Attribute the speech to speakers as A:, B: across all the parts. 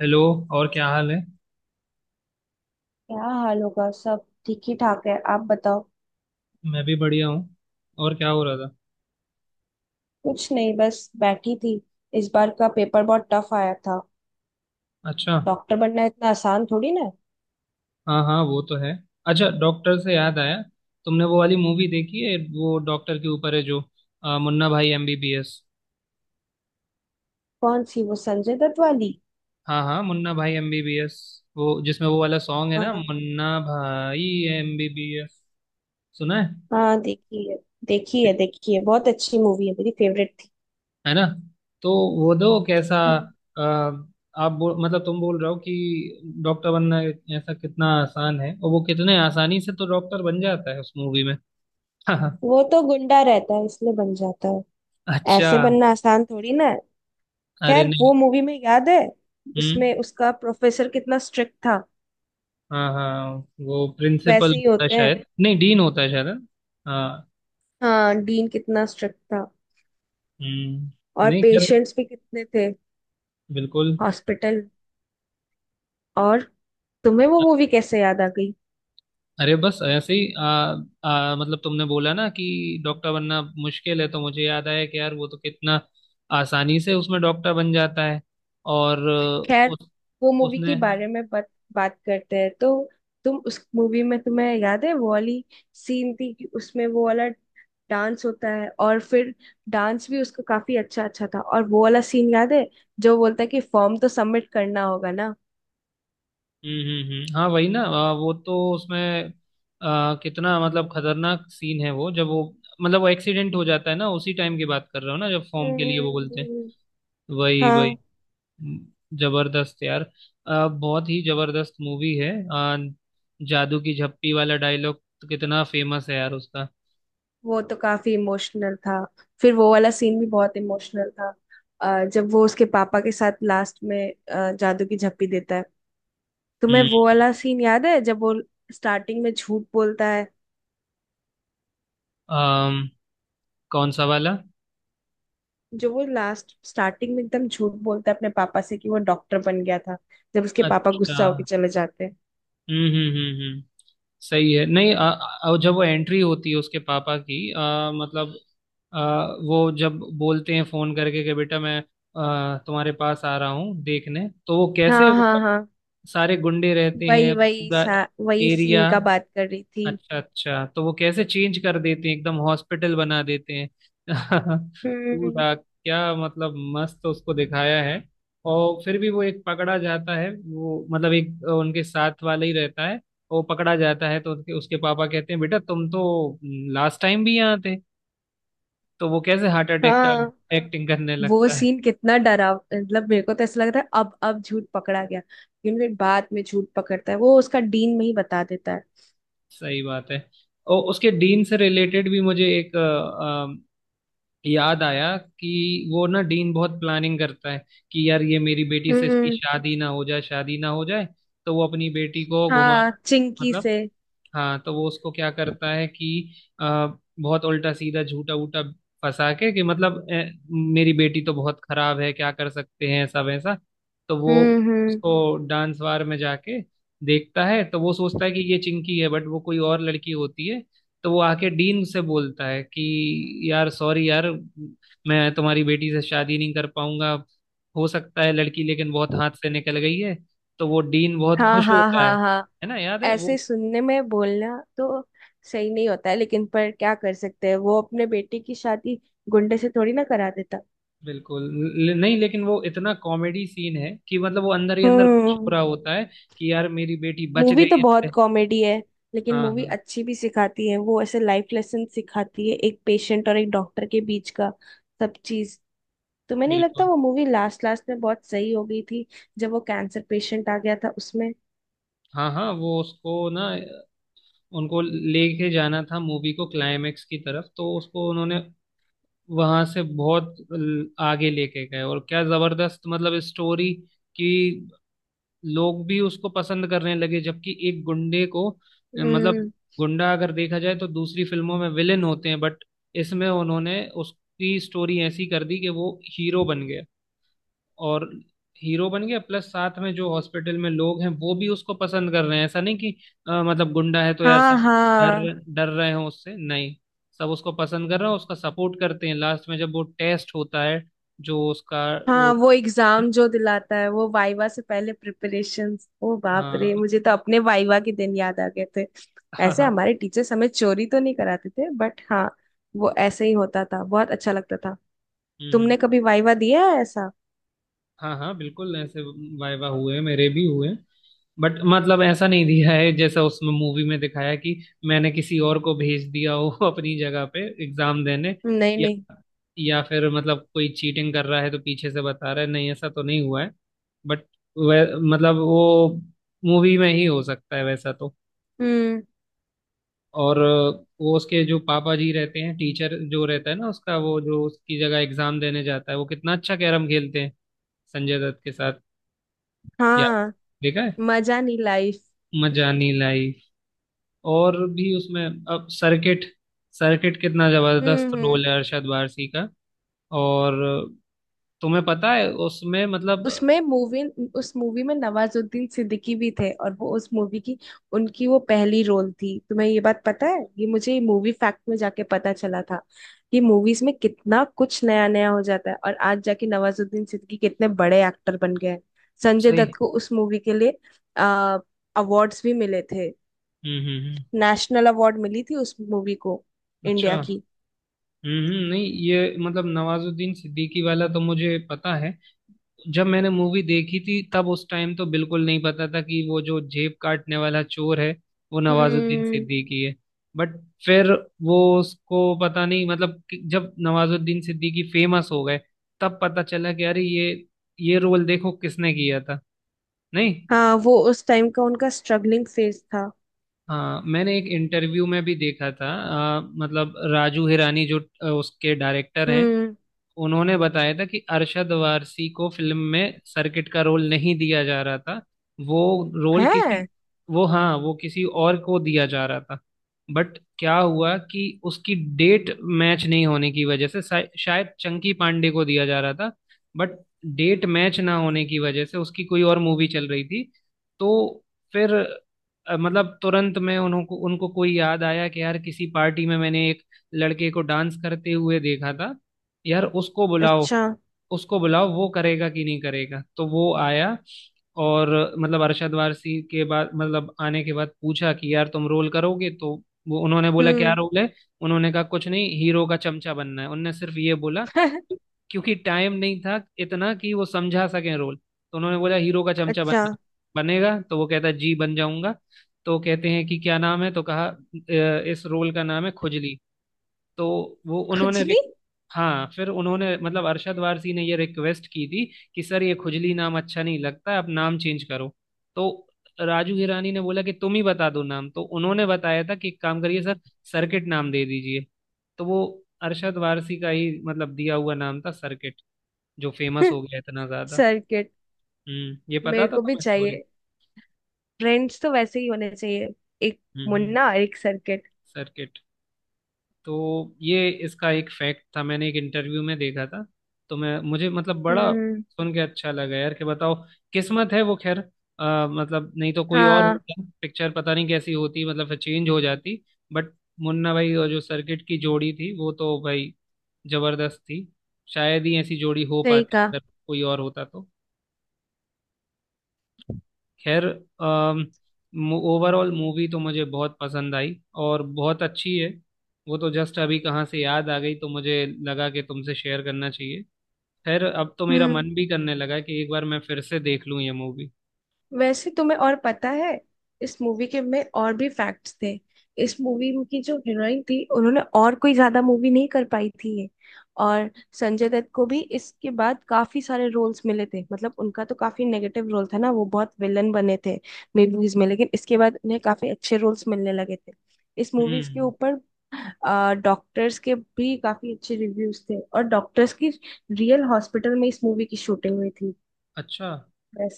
A: Hello. और क्या हाल है।
B: क्या हाल होगा। सब ठीक ही ठाक है। आप बताओ।
A: मैं भी बढ़िया हूँ। और क्या हो रहा था।
B: कुछ नहीं, बस बैठी थी। इस बार का पेपर बहुत टफ आया था।
A: अच्छा।
B: डॉक्टर बनना इतना आसान थोड़ी ना है।
A: हाँ हाँ वो तो है। अच्छा, डॉक्टर से याद आया। तुमने वो वाली मूवी देखी है वो डॉक्टर के ऊपर है, जो मुन्ना भाई एमबीबीएस।
B: कौन सी, वो संजय दत्त वाली?
A: हाँ हाँ मुन्ना भाई एमबीबीएस। वो जिसमें वो वाला सॉन्ग है ना,
B: हाँ
A: मुन्ना भाई एमबीबीएस सुना
B: हाँ, देखी है। देखी
A: है।
B: है देखी है बहुत अच्छी मूवी है, मेरी फेवरेट थी।
A: है ना। तो वो दो कैसा।
B: हम्म।
A: अ, आप मतलब तुम बोल रहे हो कि डॉक्टर बनना ऐसा कितना आसान है, और वो कितने आसानी से तो डॉक्टर बन जाता है उस मूवी में।
B: वो तो गुंडा रहता है इसलिए बन जाता है।
A: अच्छा
B: ऐसे
A: हाँ।
B: बनना आसान थोड़ी ना है।
A: अरे
B: खैर, वो
A: नहीं।
B: मूवी में याद है,
A: हम्म।
B: उसमें उसका प्रोफेसर कितना स्ट्रिक्ट था।
A: हाँ हाँ वो प्रिंसिपल
B: वैसे ही
A: होता है
B: होते हैं।
A: शायद, नहीं डीन होता है शायद, है? हाँ।
B: हाँ, डीन कितना स्ट्रिक्ट था।
A: हम्म।
B: और
A: नहीं कर।
B: पेशेंट्स भी कितने थे
A: बिल्कुल।
B: हॉस्पिटल। और तुम्हें वो मूवी कैसे याद आ गई?
A: अरे बस ऐसे ही आ, आ, मतलब तुमने बोला ना कि डॉक्टर बनना मुश्किल है, तो मुझे याद आया कि यार वो तो कितना आसानी से उसमें डॉक्टर बन जाता है। और
B: खैर,
A: उस
B: वो मूवी के
A: उसने।
B: बारे में बात बात करते हैं तो। तुम उस मूवी में, तुम्हें याद है वो वाली सीन थी कि उसमें वो वाला डांस होता है, और फिर डांस भी उसका काफी अच्छा अच्छा था। और वो वाला सीन याद है जो बोलता है कि फॉर्म तो सबमिट करना होगा ना।
A: हम्म। हाँ, वही ना। वो तो उसमें कितना, मतलब खतरनाक सीन है वो, जब वो, मतलब वो एक्सीडेंट हो जाता है ना, उसी टाइम की बात कर रहा हूँ ना, जब फॉर्म
B: हम्म
A: के लिए वो
B: हम्म,
A: बोलते हैं।
B: हम्म।
A: वही वही,
B: हाँ।
A: जबरदस्त यार। बहुत ही जबरदस्त मूवी है। जादू की झप्पी वाला डायलॉग तो कितना फेमस है यार उसका।
B: वो तो काफी इमोशनल था। फिर वो वाला सीन भी बहुत इमोशनल था। जब वो उसके पापा के साथ लास्ट में जादू की झप्पी देता है। तुम्हें
A: हम्म।
B: वो वाला सीन याद है जब वो स्टार्टिंग में झूठ बोलता है?
A: अम, कौन सा वाला।
B: जो वो लास्ट स्टार्टिंग में एकदम झूठ बोलता है अपने पापा से कि वो डॉक्टर बन गया था। जब उसके पापा
A: अच्छा।
B: गुस्सा होके चले जाते हैं।
A: हम्म। सही है। नहीं जब वो एंट्री होती है उसके पापा की, मतलब, अ, वो जब बोलते हैं फोन करके कि बेटा मैं, तुम्हारे पास आ रहा हूँ देखने, तो वो कैसे,
B: हाँ हाँ
A: मतलब
B: हाँ।
A: सारे गुंडे रहते
B: वही
A: हैं
B: वही
A: पूरा
B: सा, वही सीन
A: एरिया।
B: का बात कर रही थी।
A: अच्छा अच्छा, तो वो कैसे चेंज कर देते हैं, एकदम हॉस्पिटल बना देते हैं।
B: हम्म।
A: पूरा क्या, मतलब मस्त उसको दिखाया है। और फिर भी वो एक पकड़ा जाता है, वो मतलब एक उनके साथ वाला ही रहता है। वो पकड़ा जाता है तो उसके उसके पापा कहते हैं बेटा तुम तो लास्ट टाइम भी यहाँ थे, तो वो कैसे हार्ट अटैक का
B: हाँ।
A: एक्टिंग करने
B: वो
A: लगता है।
B: सीन कितना डरा, मतलब मेरे को तो ऐसा लग रहा है अब झूठ पकड़ा गया, लेकिन फिर बाद में झूठ पकड़ता है वो, उसका डीन में ही बता देता है।
A: सही बात है। और उसके डीन से रिलेटेड भी मुझे एक याद आया कि वो ना, डीन बहुत प्लानिंग करता है कि यार ये मेरी बेटी से इसकी
B: हम्म।
A: शादी ना हो जाए, शादी ना हो जाए। तो वो अपनी बेटी को घुमा,
B: हाँ, चिंकी
A: मतलब,
B: से।
A: हाँ तो वो उसको क्या करता है कि आ, बहुत उल्टा सीधा झूठा वूटा फंसा के, कि मतलब, "ए, मेरी बेटी तो बहुत खराब है, क्या कर सकते हैं, ऐसा वैसा, तो वो
B: हम्म। हम्म।
A: उसको डांस बार में जाके देखता है तो वो सोचता है कि ये चिंकी है, बट वो कोई और लड़की होती है। तो वो आके डीन से बोलता है कि यार सॉरी यार, मैं तुम्हारी बेटी से शादी नहीं कर पाऊंगा, हो सकता है लड़की लेकिन बहुत हाथ से निकल गई है। तो वो डीन बहुत
B: हाँ
A: खुश
B: हाँ
A: होता है।
B: हाँ हाँ।
A: है ना, याद है
B: ऐसे
A: वो।
B: सुनने में बोलना तो सही नहीं होता है, लेकिन पर क्या कर सकते हैं, वो अपने बेटे की शादी गुंडे से थोड़ी ना करा देता।
A: बिल्कुल। नहीं, लेकिन वो इतना कॉमेडी सीन है कि मतलब वो अंदर ही अंदर खुश हो
B: हम्म।
A: रहा होता है कि यार मेरी बेटी बच
B: मूवी तो
A: गई इससे।
B: बहुत कॉमेडी है, लेकिन
A: हाँ
B: मूवी
A: हाँ
B: अच्छी भी सिखाती है। वो ऐसे लाइफ लेसन सिखाती है, एक पेशेंट और एक डॉक्टर के बीच का सब चीज। तुम्हें नहीं लगता
A: बिल्कुल।
B: वो मूवी लास्ट लास्ट में बहुत सही हो गई थी, जब वो कैंसर पेशेंट आ गया था उसमें?
A: हाँ हाँ वो उसको ना, उनको लेके जाना था मूवी को क्लाइमेक्स की तरफ, तो उसको उन्होंने वहां से बहुत आगे लेके गए, और क्या जबरदस्त, मतलब स्टोरी की। लोग भी उसको पसंद करने लगे, जबकि एक गुंडे को, मतलब
B: हम्म।
A: गुंडा अगर देखा जाए तो दूसरी फिल्मों में विलेन होते हैं, बट इसमें उन्होंने उसकी स्टोरी ऐसी कर दी कि वो हीरो बन गया। और हीरो बन गया प्लस साथ में जो हॉस्पिटल में लोग हैं वो भी उसको पसंद कर रहे हैं, ऐसा नहीं कि मतलब गुंडा है तो यार
B: हाँ
A: सब डर
B: हाँ।
A: डर रहे हो उससे, नहीं, सब उसको पसंद कर रहे हैं, उसका सपोर्ट करते हैं लास्ट में जब वो टेस्ट होता है, जो उसका
B: हाँ
A: वो।
B: वो एग्जाम जो दिलाता है, वो वाइवा से पहले प्रिपरेशंस, ओ बाप रे,
A: हाँ
B: मुझे तो अपने वाइवा के दिन याद आ गए थे।
A: हाँ
B: ऐसे
A: हाँ।
B: हमारे टीचर्स हमें चोरी तो नहीं कराते थे, बट हाँ वो ऐसे ही होता था, बहुत अच्छा लगता था।
A: हम्म।
B: तुमने कभी वाइवा दिया है ऐसा?
A: हाँ हाँ बिल्कुल ऐसे वाइवा हुए हैं, मेरे भी हुए हैं। बट मतलब ऐसा नहीं दिया है जैसा उसमें मूवी में दिखाया है, कि मैंने किसी और को भेज दिया हो अपनी जगह पे एग्जाम देने,
B: नहीं
A: या
B: नहीं।
A: फिर मतलब कोई चीटिंग कर रहा है तो पीछे से बता रहा है, नहीं ऐसा तो नहीं हुआ है। बट वह, मतलब वो मूवी में ही हो सकता है वैसा तो।
B: हम्म।
A: और वो उसके जो पापा जी रहते हैं, टीचर जो रहता है ना उसका, वो जो उसकी जगह एग्जाम देने जाता है, वो कितना अच्छा कैरम खेलते हैं संजय दत्त के साथ यार,
B: हाँ।
A: देखा है।
B: मजा नहीं लाइफ।
A: मजानी लाइफ। और भी उसमें अब सर्किट, सर्किट कितना जबरदस्त
B: हम्म।
A: रोल है अरशद वारसी का। और तुम्हें पता है उसमें, मतलब
B: उसमें मूवी उस मूवी में नवाजुद्दीन सिद्दीकी भी थे, और वो उस मूवी की उनकी वो पहली रोल थी। तुम्हें ये बात पता है? ये मुझे मूवी फैक्ट में जाके पता चला था कि मूवीज में कितना कुछ नया नया हो जाता है, और आज जाके नवाजुद्दीन सिद्दीकी कितने बड़े एक्टर बन गए हैं। संजय
A: सही।
B: दत्त को उस मूवी के लिए आ अवार्ड्स भी मिले थे।
A: हम्म।
B: नेशनल अवार्ड मिली थी उस मूवी को,
A: अच्छा।
B: इंडिया की।
A: हम्म, नहीं ये मतलब नवाजुद्दीन सिद्दीकी वाला तो मुझे पता है। जब मैंने मूवी देखी थी तब उस टाइम तो बिल्कुल नहीं पता था कि वो जो जेब काटने वाला चोर है वो नवाजुद्दीन
B: हम्म।
A: सिद्दीकी है। बट फिर वो उसको पता नहीं, मतलब कि जब नवाजुद्दीन सिद्दीकी फेमस हो गए तब पता चला कि अरे ये रोल देखो किसने किया था। नहीं।
B: हाँ वो उस टाइम का उनका स्ट्रगलिंग फेज था।
A: हाँ मैंने एक इंटरव्यू में भी देखा था। मतलब राजू हिरानी जो उसके डायरेक्टर हैं,
B: हम्म।
A: उन्होंने बताया था कि अरशद वारसी को फिल्म में सर्किट का रोल नहीं दिया जा रहा था। वो रोल किसी,
B: है।
A: वो हाँ, वो किसी और को दिया जा रहा था। बट क्या हुआ कि उसकी डेट मैच नहीं होने की वजह से शायद चंकी पांडे को दिया जा रहा था। बट डेट मैच ना होने की वजह से उसकी कोई और मूवी चल रही थी। तो फिर, मतलब तुरंत में उनको उनको कोई याद आया कि यार किसी पार्टी में मैंने एक लड़के को डांस करते हुए देखा था, यार उसको बुलाओ,
B: अच्छा।
A: उसको बुलाओ वो करेगा कि नहीं करेगा, तो वो आया। और मतलब अरशद वारसी के बाद, मतलब आने के बाद पूछा कि यार तुम रोल करोगे, तो वो उन्होंने बोला क्या
B: हम्म।
A: रोल है। उन्होंने कहा कुछ नहीं, हीरो का चमचा बनना है, उनने सिर्फ ये बोला क्योंकि टाइम नहीं था इतना कि वो समझा सके रोल। तो उन्होंने बोला हीरो का चमचा
B: अच्छा।
A: बनना है। बनेगा, तो वो कहता है जी बन जाऊंगा। तो कहते हैं कि क्या नाम है तो कहा, "अ, इस रोल का नाम है खुजली। तो वो उन्होंने,
B: खुजली।
A: हाँ फिर उन्होंने, मतलब अरशद वारसी ने ये रिक्वेस्ट की थी कि सर ये खुजली नाम अच्छा नहीं लगता, आप नाम चेंज करो। तो राजू हिरानी ने बोला कि तुम ही बता दो नाम, तो उन्होंने बताया था कि एक काम करिए सर, सर्किट नाम दे दीजिए। तो वो अरशद वारसी का ही मतलब दिया हुआ नाम था सर्किट, जो फेमस हो गया इतना ज्यादा।
B: सर्किट।
A: हम्म। ये पता
B: मेरे
A: था
B: को भी
A: तुम्हें स्टोरी।
B: चाहिए, फ्रेंड्स तो वैसे ही होने चाहिए, एक
A: हम्म।
B: मुन्ना और एक सर्किट।
A: सर्किट। तो ये इसका एक फैक्ट था, मैंने एक इंटरव्यू में देखा था, तो मैं, मुझे मतलब बड़ा
B: हम्म।
A: सुन के अच्छा लगा यार कि बताओ, किस्मत है वो, खैर मतलब नहीं तो कोई और
B: हाँ
A: होता पिक्चर, पता नहीं कैसी होती, मतलब फिर चेंज हो जाती। बट मुन्ना भाई और जो सर्किट की जोड़ी थी वो तो भाई जबरदस्त थी, शायद ही ऐसी जोड़ी हो
B: सही
A: पाती
B: कहा।
A: अगर कोई और होता तो। खैर ओवरऑल मूवी तो मुझे बहुत पसंद आई, और बहुत अच्छी है। वो तो जस्ट अभी कहाँ से याद आ गई तो मुझे लगा कि तुमसे शेयर करना चाहिए। खैर अब तो मेरा
B: हम्म।
A: मन भी करने लगा कि एक बार मैं फिर से देख लूँ ये मूवी।
B: वैसे तुम्हें और पता है, इस मूवी के में और भी फैक्ट्स थे। इस मूवी की जो हीरोइन थी उन्होंने और कोई ज्यादा मूवी नहीं कर पाई थी ये। और संजय दत्त को भी इसके बाद काफी सारे रोल्स मिले थे। मतलब उनका तो काफी नेगेटिव रोल था ना, वो बहुत विलन बने थे मूवीज में, लेकिन इसके बाद उन्हें काफी अच्छे रोल्स मिलने लगे थे इस मूवीज के
A: हम्म।
B: ऊपर। डॉक्टर्स के भी काफी अच्छे रिव्यूज थे, और डॉक्टर्स की रियल हॉस्पिटल में इस मूवी की शूटिंग हुई थी।
A: अच्छा
B: बस।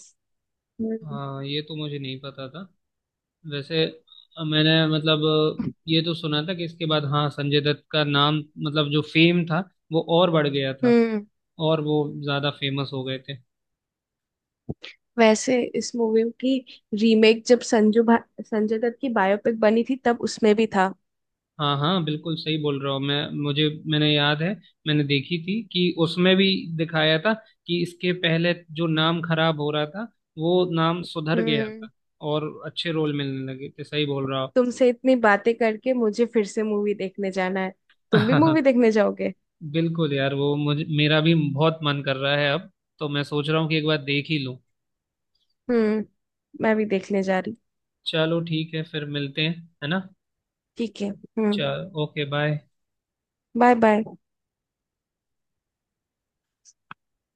B: हम्म।
A: हाँ, ये तो मुझे नहीं पता था वैसे। मैंने मतलब ये तो सुना था कि इसके बाद हाँ संजय दत्त का नाम, मतलब जो फेम था वो और बढ़ गया था,
B: हम्म।
A: और वो ज़्यादा फेमस हो गए थे।
B: वैसे इस मूवी की रीमेक, जब संजू भा, संजय दत्त की बायोपिक बनी थी तब उसमें भी था।
A: हाँ हाँ बिल्कुल सही बोल रहा हूँ मैं, मुझे, मैंने याद है, मैंने देखी थी कि उसमें भी दिखाया था कि इसके पहले जो नाम खराब हो रहा था वो नाम सुधर गया
B: हम्म।
A: था और अच्छे रोल मिलने लगे थे, सही बोल रहा
B: तुमसे इतनी बातें करके मुझे फिर से मूवी देखने जाना है। तुम भी
A: हूँ।
B: मूवी देखने जाओगे?
A: बिल्कुल यार वो मुझे, मेरा भी बहुत मन कर रहा है अब, तो मैं सोच रहा हूँ कि एक बार देख ही लूँ।
B: हम्म। मैं भी देखने जा रही।
A: चलो ठीक है, फिर मिलते हैं। है ना।
B: ठीक है। हम्म।
A: चलो, ओके, बाय।
B: Bye bye.